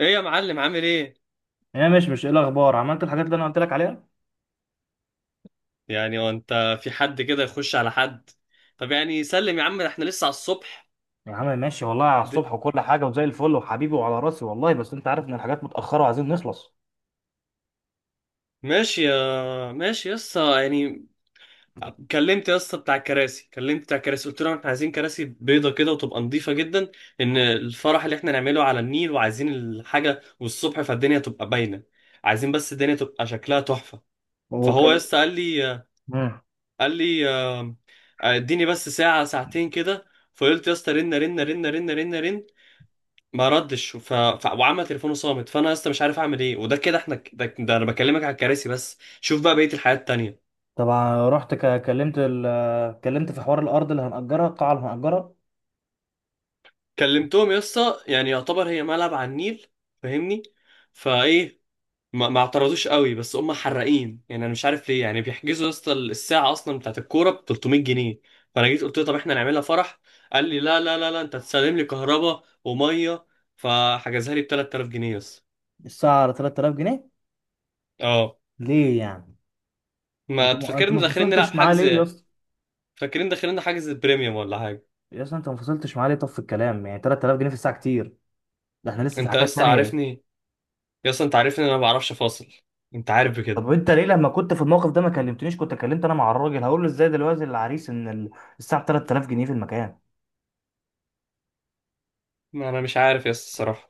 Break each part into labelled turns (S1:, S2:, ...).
S1: ايه يا معلم؟ عامل ايه؟
S2: يا ماشي، مش ايه الاخبار؟ عملت الحاجات اللي انا قلت لك عليها؟
S1: يعني هو انت في حد كده يخش على حد؟ طب يعني سلم يا عم، احنا لسه على الصبح.
S2: يا عم ماشي، والله على
S1: د-
S2: الصبح وكل حاجه وزي الفل وحبيبي وعلى راسي والله، بس انت عارف ان الحاجات متاخره وعايزين نخلص.
S1: ماشي، يا ماشي يا اسطى يعني. كلمت يا اسطى بتاع الكراسي، كلمت بتاع الكراسي، قلت لهم احنا عايزين كراسي بيضه كده وتبقى نظيفه جدا. ان الفرح اللي احنا نعمله على النيل وعايزين الحاجه والصبح، فالدنيا تبقى باينه. عايزين بس الدنيا تبقى شكلها تحفه. فهو يا
S2: وكل.
S1: اسطى قال لي،
S2: مم.
S1: قال لي: اديني بس ساعه ساعتين كده. فقلت يا اسطى رن رن رن رن رن رن. ما ردش. وعمل تليفونه صامت، فانا لسه مش عارف اعمل ايه. وده كده احنا ده انا بكلمك على الكراسي بس. شوف بقى بقيه الحياه التانيه.
S2: طبعا رحت كلمت في حوار الارض اللي هنأجرها، القاعه اللي هنأجرها.
S1: كلمتهم يا اسطى، يعني يعتبر هي ملعب على النيل. فاهمني؟ فايه؟ ما اعترضوش قوي، بس هم حرقين يعني، انا مش عارف ليه يعني، بيحجزوا يا اسطى الساعه اصلا بتاعت الكوره ب 300 جنيه. فانا جيت قلت له طب احنا نعملها فرح. قال لي لا لا لا لا انت هتسلم لي كهرباء وميه. فحجزها لي ب 3000 جنيه يا اسطى.
S2: الساعه على 3000 جنيه؟
S1: اه.
S2: ليه يعني؟
S1: ما
S2: انت
S1: تفكرني
S2: ما
S1: داخلين نلعب
S2: فصلتش معاه ليه يا
S1: حجز.
S2: اسطى؟
S1: فاكرين داخلين حاجز بريميوم ولا حاجه.
S2: يا اسطى، انت ما فصلتش معاه ليه؟ طب في الكلام يعني 3000 جنيه في الساعه كتير. ده احنا لسه في
S1: انت يا
S2: حاجات
S1: اسطى
S2: تانية.
S1: عارفني. يا اسطى انت عارفني إن انا ما بعرفش فاصل. انت عارف بكده.
S2: طب انت ليه لما كنت في الموقف ده ما كلمتنيش؟ كنت كلمت انا مع الراجل، هقول له ازاي دلوقتي للعريس ان ال-. الساعه 3000 جنيه في المكان.
S1: ما انا مش عارف يا اسطى الصراحه.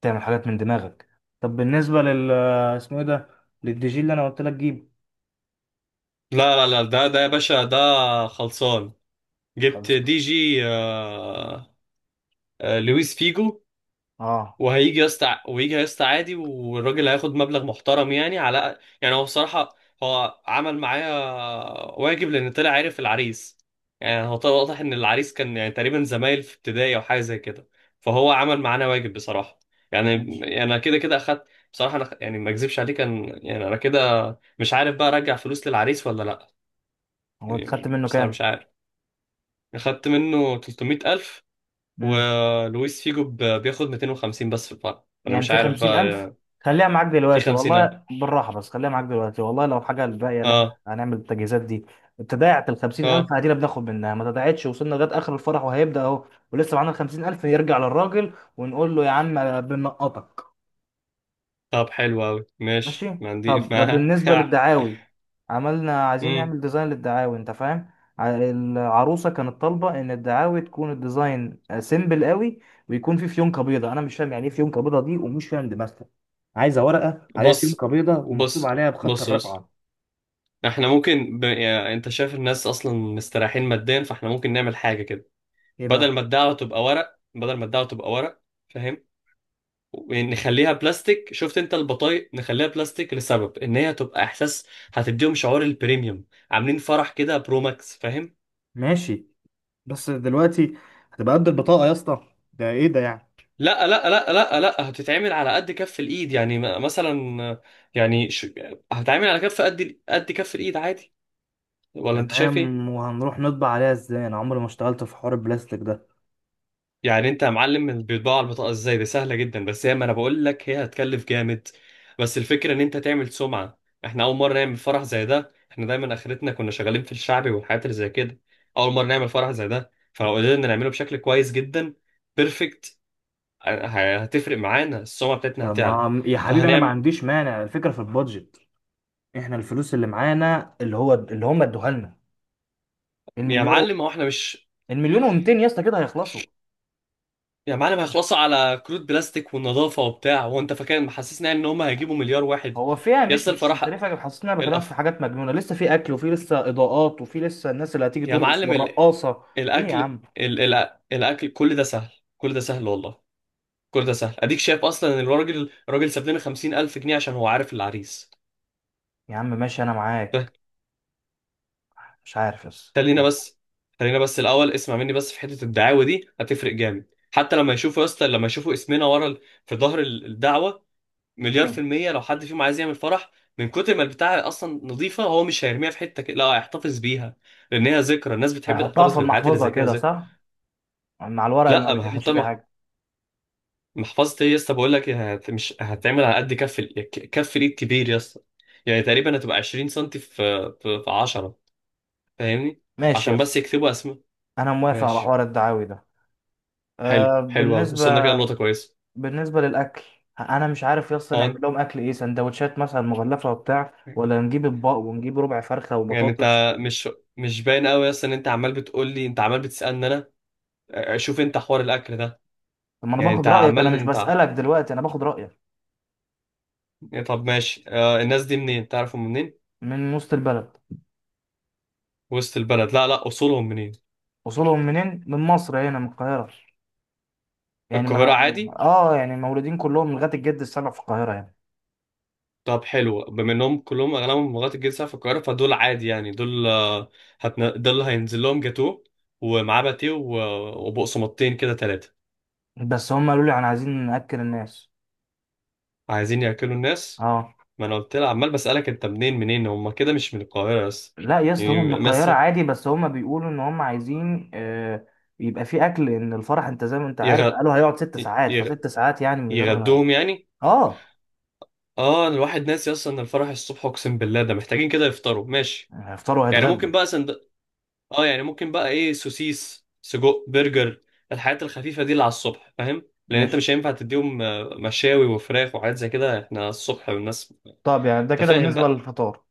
S2: تعمل حاجات من دماغك. طب بالنسبة اسمه ايه ده؟ للدي جي اللي انا قلت لك جيب.
S1: لا لا لا، ده يا باشا، ده خلصان. جبت
S2: خلص
S1: دي
S2: معايا.
S1: جي، آه. آه، لويس فيجو.
S2: اه
S1: وهيجي يا اسطى، ويجي يا اسطى عادي، والراجل هياخد مبلغ محترم يعني، على يعني هو بصراحة، هو عمل معايا واجب، لأن طلع عارف العريس. يعني هو طلع واضح إن العريس كان يعني تقريبا زمايل في ابتدائي أو حاجة زي كده. فهو عمل معانا واجب بصراحة يعني.
S2: ماشي.
S1: يعني أنا كده كده أخدت. بصراحة أنا يعني ما أكذبش عليك، كان يعني أنا كده مش عارف بقى أرجع فلوس للعريس ولا لأ.
S2: هو انت خدت
S1: يعني
S2: منه
S1: بصراحة
S2: كام؟
S1: مش عارف. أخدت منه 300,000،
S2: امم.
S1: ولويس فيجو بياخد 250 بس في الفرع، أنا
S2: يعني
S1: مش
S2: في
S1: عارف
S2: 50,000؟
S1: بقى.
S2: خليها معاك
S1: في
S2: دلوقتي
S1: خمسينات.
S2: والله، بالراحة، بس خليها معاك دلوقتي والله لو حاجة. الباقية اللي احنا
S1: اه.
S2: هنعمل التجهيزات دي، اتضاعت الخمسين ألف
S1: اه.
S2: عادي، بناخد منها. ما تضاعتش، وصلنا لغاية آخر الفرح وهيبدأ أهو. ولسه معانا الخمسين ألف، نرجع للراجل ونقول له يا عم بنقطك.
S1: طب حلو أوي ماشي،
S2: ماشي.
S1: ما عندي
S2: طب
S1: ما.
S2: بالنسبة للدعاوي. عايزين
S1: مم.
S2: نعمل ديزاين للدعاوي، انت فاهم. العروسة كانت طالبة ان الدعاوي تكون الديزاين سيمبل قوي، ويكون فيه فيونكة بيضة. انا مش فاهم يعني ايه فيونكة بيضة دي، ومش فاهم دماغها. عايزة ورقة عليها
S1: بص،
S2: فيونكة بيضة ومكتوب
S1: بص،
S2: عليها بخط
S1: بص، بص.
S2: الرقعة.
S1: احنا ممكن يعني انت شايف الناس اصلا مستريحين ماديا، فاحنا ممكن نعمل حاجة كده.
S2: ايه
S1: بدل
S2: بقى؟
S1: ما الدعوة تبقى ورق، بدل ما الدعوة تبقى ورق، فاهم؟ ونخليها بلاستيك. شفت انت البطايق؟ نخليها بلاستيك، لسبب ان هي تبقى احساس. هتديهم شعور البريميوم. عاملين فرح كده برو ماكس، فاهم؟
S2: ماشي. بس دلوقتي هتبقى قد البطاقة يا اسطى؟ ده ايه ده يعني؟
S1: لا لا لا لا لا، هتتعمل على قد كف الايد. يعني مثلا يعني هتتعمل على كف قد قد كف الايد عادي. ولا انت شايف ايه؟
S2: تمام. وهنروح نطبع عليها ازاي؟ انا عمري ما اشتغلت في حوار البلاستيك ده.
S1: يعني انت يا معلم، بيطبعوا على البطاقه ازاي؟ دي سهله جدا، بس هي، ما انا بقول لك، هي هتكلف جامد. بس الفكره ان انت تعمل سمعه. احنا اول مره نعمل فرح زي ده، احنا دايما اخرتنا كنا شغالين في الشعبي والحاجات اللي زي كده. اول مره نعمل فرح زي ده، فلو قدرنا نعمله بشكل كويس جدا بيرفكت، هتفرق معانا، السمعه بتاعتنا
S2: طب
S1: هتعلى.
S2: ما يا حبيبي انا ما
S1: فهنعمل.
S2: عنديش مانع، الفكرة في البادجت. احنا الفلوس اللي معانا اللي هو اللي هم ادوها لنا،
S1: يا
S2: المليار و-
S1: معلم هو احنا مش.
S2: المليون و200 يا اسطى كده هيخلصوا.
S1: يا معلم هيخلصوا على كروت بلاستيك والنظافة وبتاع. هو انت فاكر محسسنا يعني ان هم هيجيبوا مليار واحد؟
S2: هو فيها
S1: يا
S2: مش
S1: اسطى
S2: مش انت
S1: الفراح.
S2: ليه فاكر حاسس ان انا بكلمك في
S1: الأف.
S2: حاجات مجنونه؟ لسه في اكل، وفي لسه اضاءات، وفي لسه الناس اللي هتيجي
S1: يا
S2: ترقص
S1: معلم
S2: والرقاصه. ليه يا
S1: الاكل.
S2: عم؟
S1: الاكل كل ده سهل. كل ده سهل والله. كل ده سهل. اديك شايف اصلا ان الراجل، الراجل ساب لنا 50 الف جنيه عشان هو عارف العريس.
S2: يا عم ماشي، انا
S1: ف-
S2: معاك. مش عارف بس.
S1: خلينا بس، خلينا بس الاول اسمع مني بس في حتة الدعاوى دي، هتفرق جامد. حتى لما يشوفوا يا اسطى، لما يشوفوا اسمنا ورا في ظهر الدعوة، مليار في
S2: مم.
S1: المية لو حد فيهم عايز يعمل فرح. من كتر ما البتاعة أصلا نظيفة، هو مش هيرميها في حتة كده، لا هيحتفظ بيها. لأن هي ذكرى، الناس بتحب
S2: هنحطها
S1: تحتفظ
S2: في
S1: بالحاجات اللي
S2: المحفظه
S1: زي كده
S2: كده
S1: ذكرى.
S2: صح؟ مع الورق اللي ما
S1: لا ما
S2: بيتعملش
S1: هحطها
S2: بيه حاجه.
S1: محفظة إيه يا اسطى؟ بقول لك مش هتعمل على قد كف كف الإيد كبير يا اسطى. يعني تقريبا هتبقى 20 سم في في 10. فاهمني؟
S2: ماشي يا
S1: عشان
S2: اسطى،
S1: بس يكتبوا أسماء.
S2: انا موافق على
S1: ماشي.
S2: حوار الدعاوي ده.
S1: حلو،
S2: أه.
S1: حلو أوي، وصلنا كده لنقطة كويسة.
S2: بالنسبة للأكل، أنا مش عارف يس نعمل
S1: أه
S2: لهم أكل إيه؟ سندوتشات مثلا مغلفة وبتاع، ولا نجيب أطباق ونجيب ربع فرخة
S1: يعني
S2: وبطاطس
S1: أنت
S2: و-؟
S1: مش. مش باين أوي يا اسطى إن أنت عمال بتقول لي، أنت عمال بتسألني أنا؟ اه، شوف انت حوار الاكل ده.
S2: طب ما أنا
S1: يعني انت
S2: باخد رأيك، أنا
S1: عمال،
S2: مش
S1: انت
S2: بسألك دلوقتي، أنا باخد رأيك.
S1: يعني. طب ماشي، آه، الناس دي منين تعرفهم منين؟
S2: من وسط البلد.
S1: وسط البلد؟ لا لا، اصولهم منين؟
S2: وصولهم منين؟ من مصر، هنا من القاهرة. يعني
S1: القاهرة
S2: ما
S1: عادي.
S2: أنا- آه يعني مولودين كلهم لغاية الجد السبع في القاهرة يعني.
S1: طب حلو، بما انهم كلهم، اغلبهم لغايه الجيل ساعه في القاهره، فدول عادي يعني. دول دول هينزل لهم جاتوه ومعاه باتيه وبقسماطتين كده ثلاثه.
S2: بس هم قالوا لي أنا عايزين نأكل الناس.
S1: عايزين ياكلوا الناس.
S2: آه.
S1: ما انا قلت لها، عمال بسالك انت منين، منين هم كده، مش من القاهره بس.
S2: لا يا اسطى، هم من
S1: يعني
S2: القاهرة
S1: مثلا
S2: عادي، بس هم بيقولوا ان هم عايزين. يبقى في اكل، ان الفرح انت زي ما انت عارف
S1: يغ...
S2: قالوا هيقعد 6 ساعات،
S1: يغ...
S2: فست ساعات يعني من غير-.
S1: يغدوهم يعني.
S2: اه.
S1: اه، الواحد ناسي اصلا ان الفرح الصبح، اقسم بالله ده محتاجين كده يفطروا ماشي.
S2: هيفطروا
S1: يعني
S2: وهيتغدوا.
S1: ممكن بقى اه يعني ممكن بقى ايه، سوسيس سجق برجر. الحاجات الخفيفه دي اللي على الصبح، فاهم؟ لان انت
S2: ماشي.
S1: مش هينفع تديهم مشاوي وفراخ وحاجات زي كده، احنا الصبح والناس.
S2: طب يعني ده
S1: انت
S2: كده
S1: فاهم
S2: بالنسبة
S1: بقى.
S2: للفطار،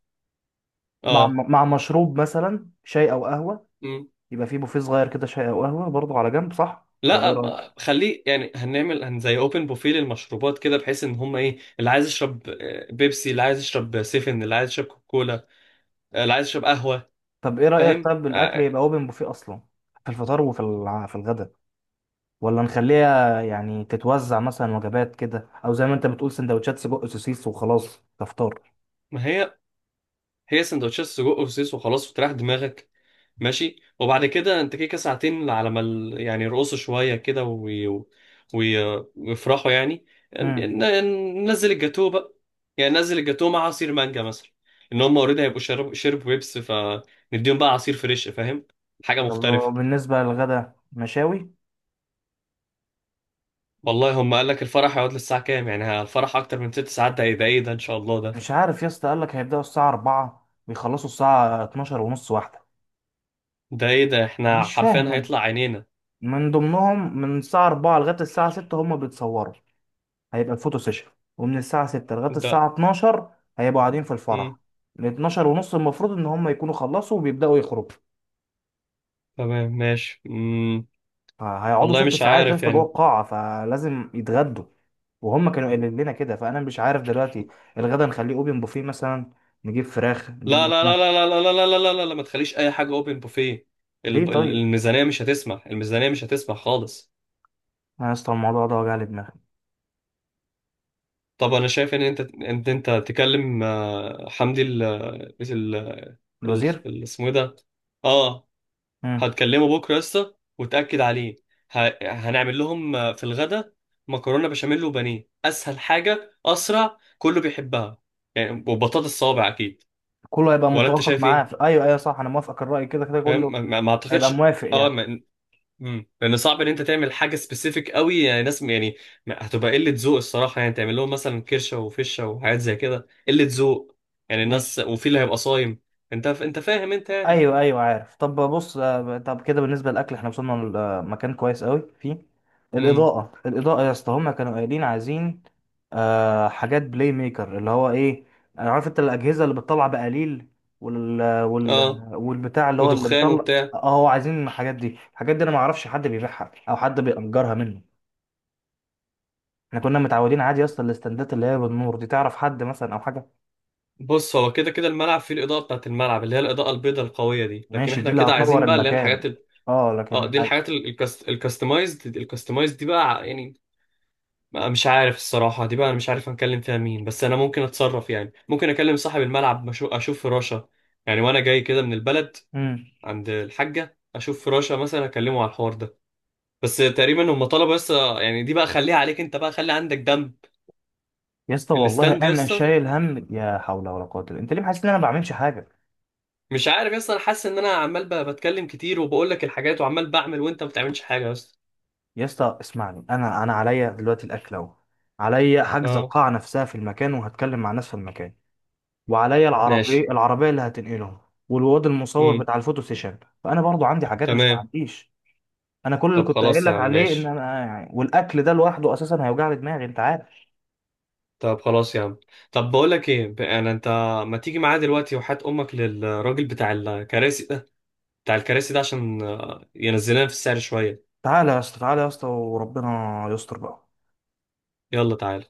S2: مع
S1: اه.
S2: مع مشروب مثلا شاي او قهوة.
S1: مم.
S2: يبقى في بوفيه صغير كده، شاي او قهوة برضو على جنب، صح ولا
S1: لا
S2: ايه رأيك؟
S1: خليه يعني هنعمل، زي اوبن بوفيه للمشروبات كده، بحيث ان هم ايه، اللي عايز يشرب بيبسي، اللي عايز يشرب سيفن، اللي عايز يشرب كوكولا، اللي عايز يشرب قهوه.
S2: طب ايه رأيك؟
S1: فاهم؟
S2: طب الاكل
S1: آه.
S2: يبقى اوبن بوفيه اصلا في الفطار وفي الع- في الغدا؟ ولا نخليها يعني تتوزع مثلا وجبات كده، او زي ما انت بتقول سندوتشات سجق سوسيس وخلاص تفطر.
S1: ما هي، هي سندوتشات سجق وسوسيس وخلاص، وتريح دماغك. ماشي، وبعد كده انت كده ساعتين على ما يعني يرقصوا شويه كده وي... ويفرحوا يعني.
S2: امم.
S1: ننزل الجاتوه بقى. يعني ننزل الجاتوه مع عصير مانجا مثلا. ان هم اوريدي هيبقوا شرب شرب ويبس، فنديهم بقى عصير فريش. فاهم؟ حاجه
S2: طب
S1: مختلفه.
S2: بالنسبه للغدا مشاوي.
S1: والله هم قال لك الفرح هيقعد للساعه كام يعني؟ الفرح اكتر من ست ساعات؟ ده ايه ده؟ ايه ده ان شاء الله ده؟
S2: مش عارف يا اسطى، قال لك هيبداوا الساعه 4 ويخلصوا الساعه 12 ونص واحده.
S1: ده ايه ده؟ احنا
S2: مش
S1: حرفيا
S2: فاهم انا.
S1: هيطلع عينينا.
S2: من ضمنهم من الساعه 4 لغايه الساعه 6 هم بيتصوروا، هيبقى الفوتو سيشن. ومن الساعه 6 لغايه
S1: ده.
S2: الساعه 12 هيبقوا قاعدين في
S1: مم.
S2: الفرح. من 12 ونص المفروض ان هم يكونوا خلصوا وبيبداوا يخرجوا.
S1: تمام ماشي. مم.
S2: هيقعدوا
S1: والله
S2: ست
S1: مش
S2: ساعات
S1: عارف
S2: لسه جوه
S1: يعني.
S2: القاعة، فلازم يتغدوا. وهم كانوا قايلين لنا كده، فانا مش عارف دلوقتي. الغدا نخليه اوبن بوفيه مثلا، نجيب فراخ نجيب
S1: لا لا لا لا
S2: لحمه.
S1: لا لا لا لا لا لا لا، ما تخليش اي حاجه اوبن بوفيه.
S2: ليه طيب؟
S1: الميزانيه مش هتسمح، الميزانيه مش هتسمح خالص.
S2: انا يا اسطى الموضوع ده وجع لي دماغي.
S1: طب انا شايف ان انت، ان انت تكلم حمدي
S2: الوزير.
S1: اسمه إيه ده. اه.
S2: امم.
S1: هتكلمه بكره يا اسطى وتاكد عليه. هنعمل لهم في الغدا مكرونه بشاميل وبانيه، اسهل حاجه، اسرع، كله بيحبها يعني، وبطاطس صوابع اكيد.
S2: كله هيبقى
S1: ولا انت
S2: متوافق
S1: شايف
S2: معاه
S1: ايه؟
S2: في-. ايوه ايوه، صح، انا موافقك الراي. كده كده
S1: فاهم.
S2: كله
S1: ما
S2: هيبقى
S1: اعتقدش.
S2: موافق
S1: اه.
S2: يعني.
S1: لان صعب ان انت تعمل حاجه سبيسيفيك قوي يعني ناس يعني. هتبقى قله ذوق الصراحه، يعني تعمل لهم مثلا كرشه وفشه وحاجات زي كده، قله ذوق يعني. الناس،
S2: ماشي.
S1: وفي اللي هيبقى صايم. انت فاهم انت يعني.
S2: ايوه ايوه عارف. طب بص، طب كده بالنسبه للاكل احنا وصلنا لمكان كويس قوي فيه.
S1: امم.
S2: الاضاءه، الاضاءه يا اسطى، هما كانوا قايلين عايزين آه حاجات بلاي ميكر، اللي هو ايه؟ انا عارف انت الاجهزه اللي بتطلع بقليل، وال
S1: اه.
S2: والبتاع اللي هو اللي
S1: ودخان
S2: بيطلع.
S1: وبتاع.
S2: اه، عايزين الحاجات دي. الحاجات دي انا ما اعرفش حد بيبيعها او حد بيأجرها منه. احنا كنا متعودين عادي يا اسطى الاستندات اللي هي بالنور دي. تعرف حد مثلا او حاجه؟
S1: بص، هو كده كده الملعب فيه الاضاءه بتاعت الملعب، اللي هي الاضاءه البيضاء القويه دي، لكن
S2: ماشي، دي
S1: احنا
S2: اللي
S1: كده
S2: هتنور
S1: عايزين بقى اللي هي
S2: المكان.
S1: الحاجات
S2: اه
S1: اه
S2: لكن.
S1: دي الحاجات الكاستمايزد، الكاستمايزد دي بقى يعني مش عارف الصراحة. دي بقى أنا مش عارف هنكلم فيها مين، بس أنا ممكن أتصرف يعني. ممكن أكلم صاحب الملعب، أشوف فراشة يعني، وأنا جاي كده من البلد،
S2: مم.
S1: عند الحاجة، أشوف فراشة مثلا، أكلمه على الحوار ده. بس تقريبا هم طلبوا بس يعني. دي بقى خليها عليك أنت بقى، خلي عندك دم.
S2: يا اسطى والله
S1: الاستاند يا
S2: انا
S1: اسطى.
S2: شايل هم، يا حول ولا قوه الا انت، ليه حاسس ان انا ما بعملش حاجه؟
S1: مش عارف يا اسطى، أنا حاسس إن أنا عمال بتكلم كتير وبقول لك الحاجات وعمال بعمل، وأنت ما بتعملش حاجة يا اسطى.
S2: يا اسطى اسمعني، انا عليا دلوقتي الاكل اهو. عليا حجز
S1: أه.
S2: القاعه نفسها في المكان، وهتكلم مع ناس في المكان. وعليا العربيه
S1: ماشي.
S2: العربيه اللي هتنقلهم. والواد المصور
S1: امم.
S2: بتاع الفوتو سيشن. فانا برضو عندي حاجات، مش
S1: تمام.
S2: معنديش. انا كل اللي
S1: طب
S2: كنت قايل
S1: خلاص يا
S2: لك
S1: عم
S2: عليه ان
S1: ماشي.
S2: انا يعني، والاكل ده لوحده اساسا هيوجع لي دماغي انت عارف.
S1: طب خلاص يا عم. طب بقول لك ايه، يعني انت ما تيجي معايا دلوقتي، وحات امك للراجل بتاع الكراسي ده، بتاع الكراسي ده، عشان ينزلنا في السعر شويه.
S2: تعالى يا اسطى، تعالى يا اسطى، وربنا يستر بقى.
S1: يلا تعالى.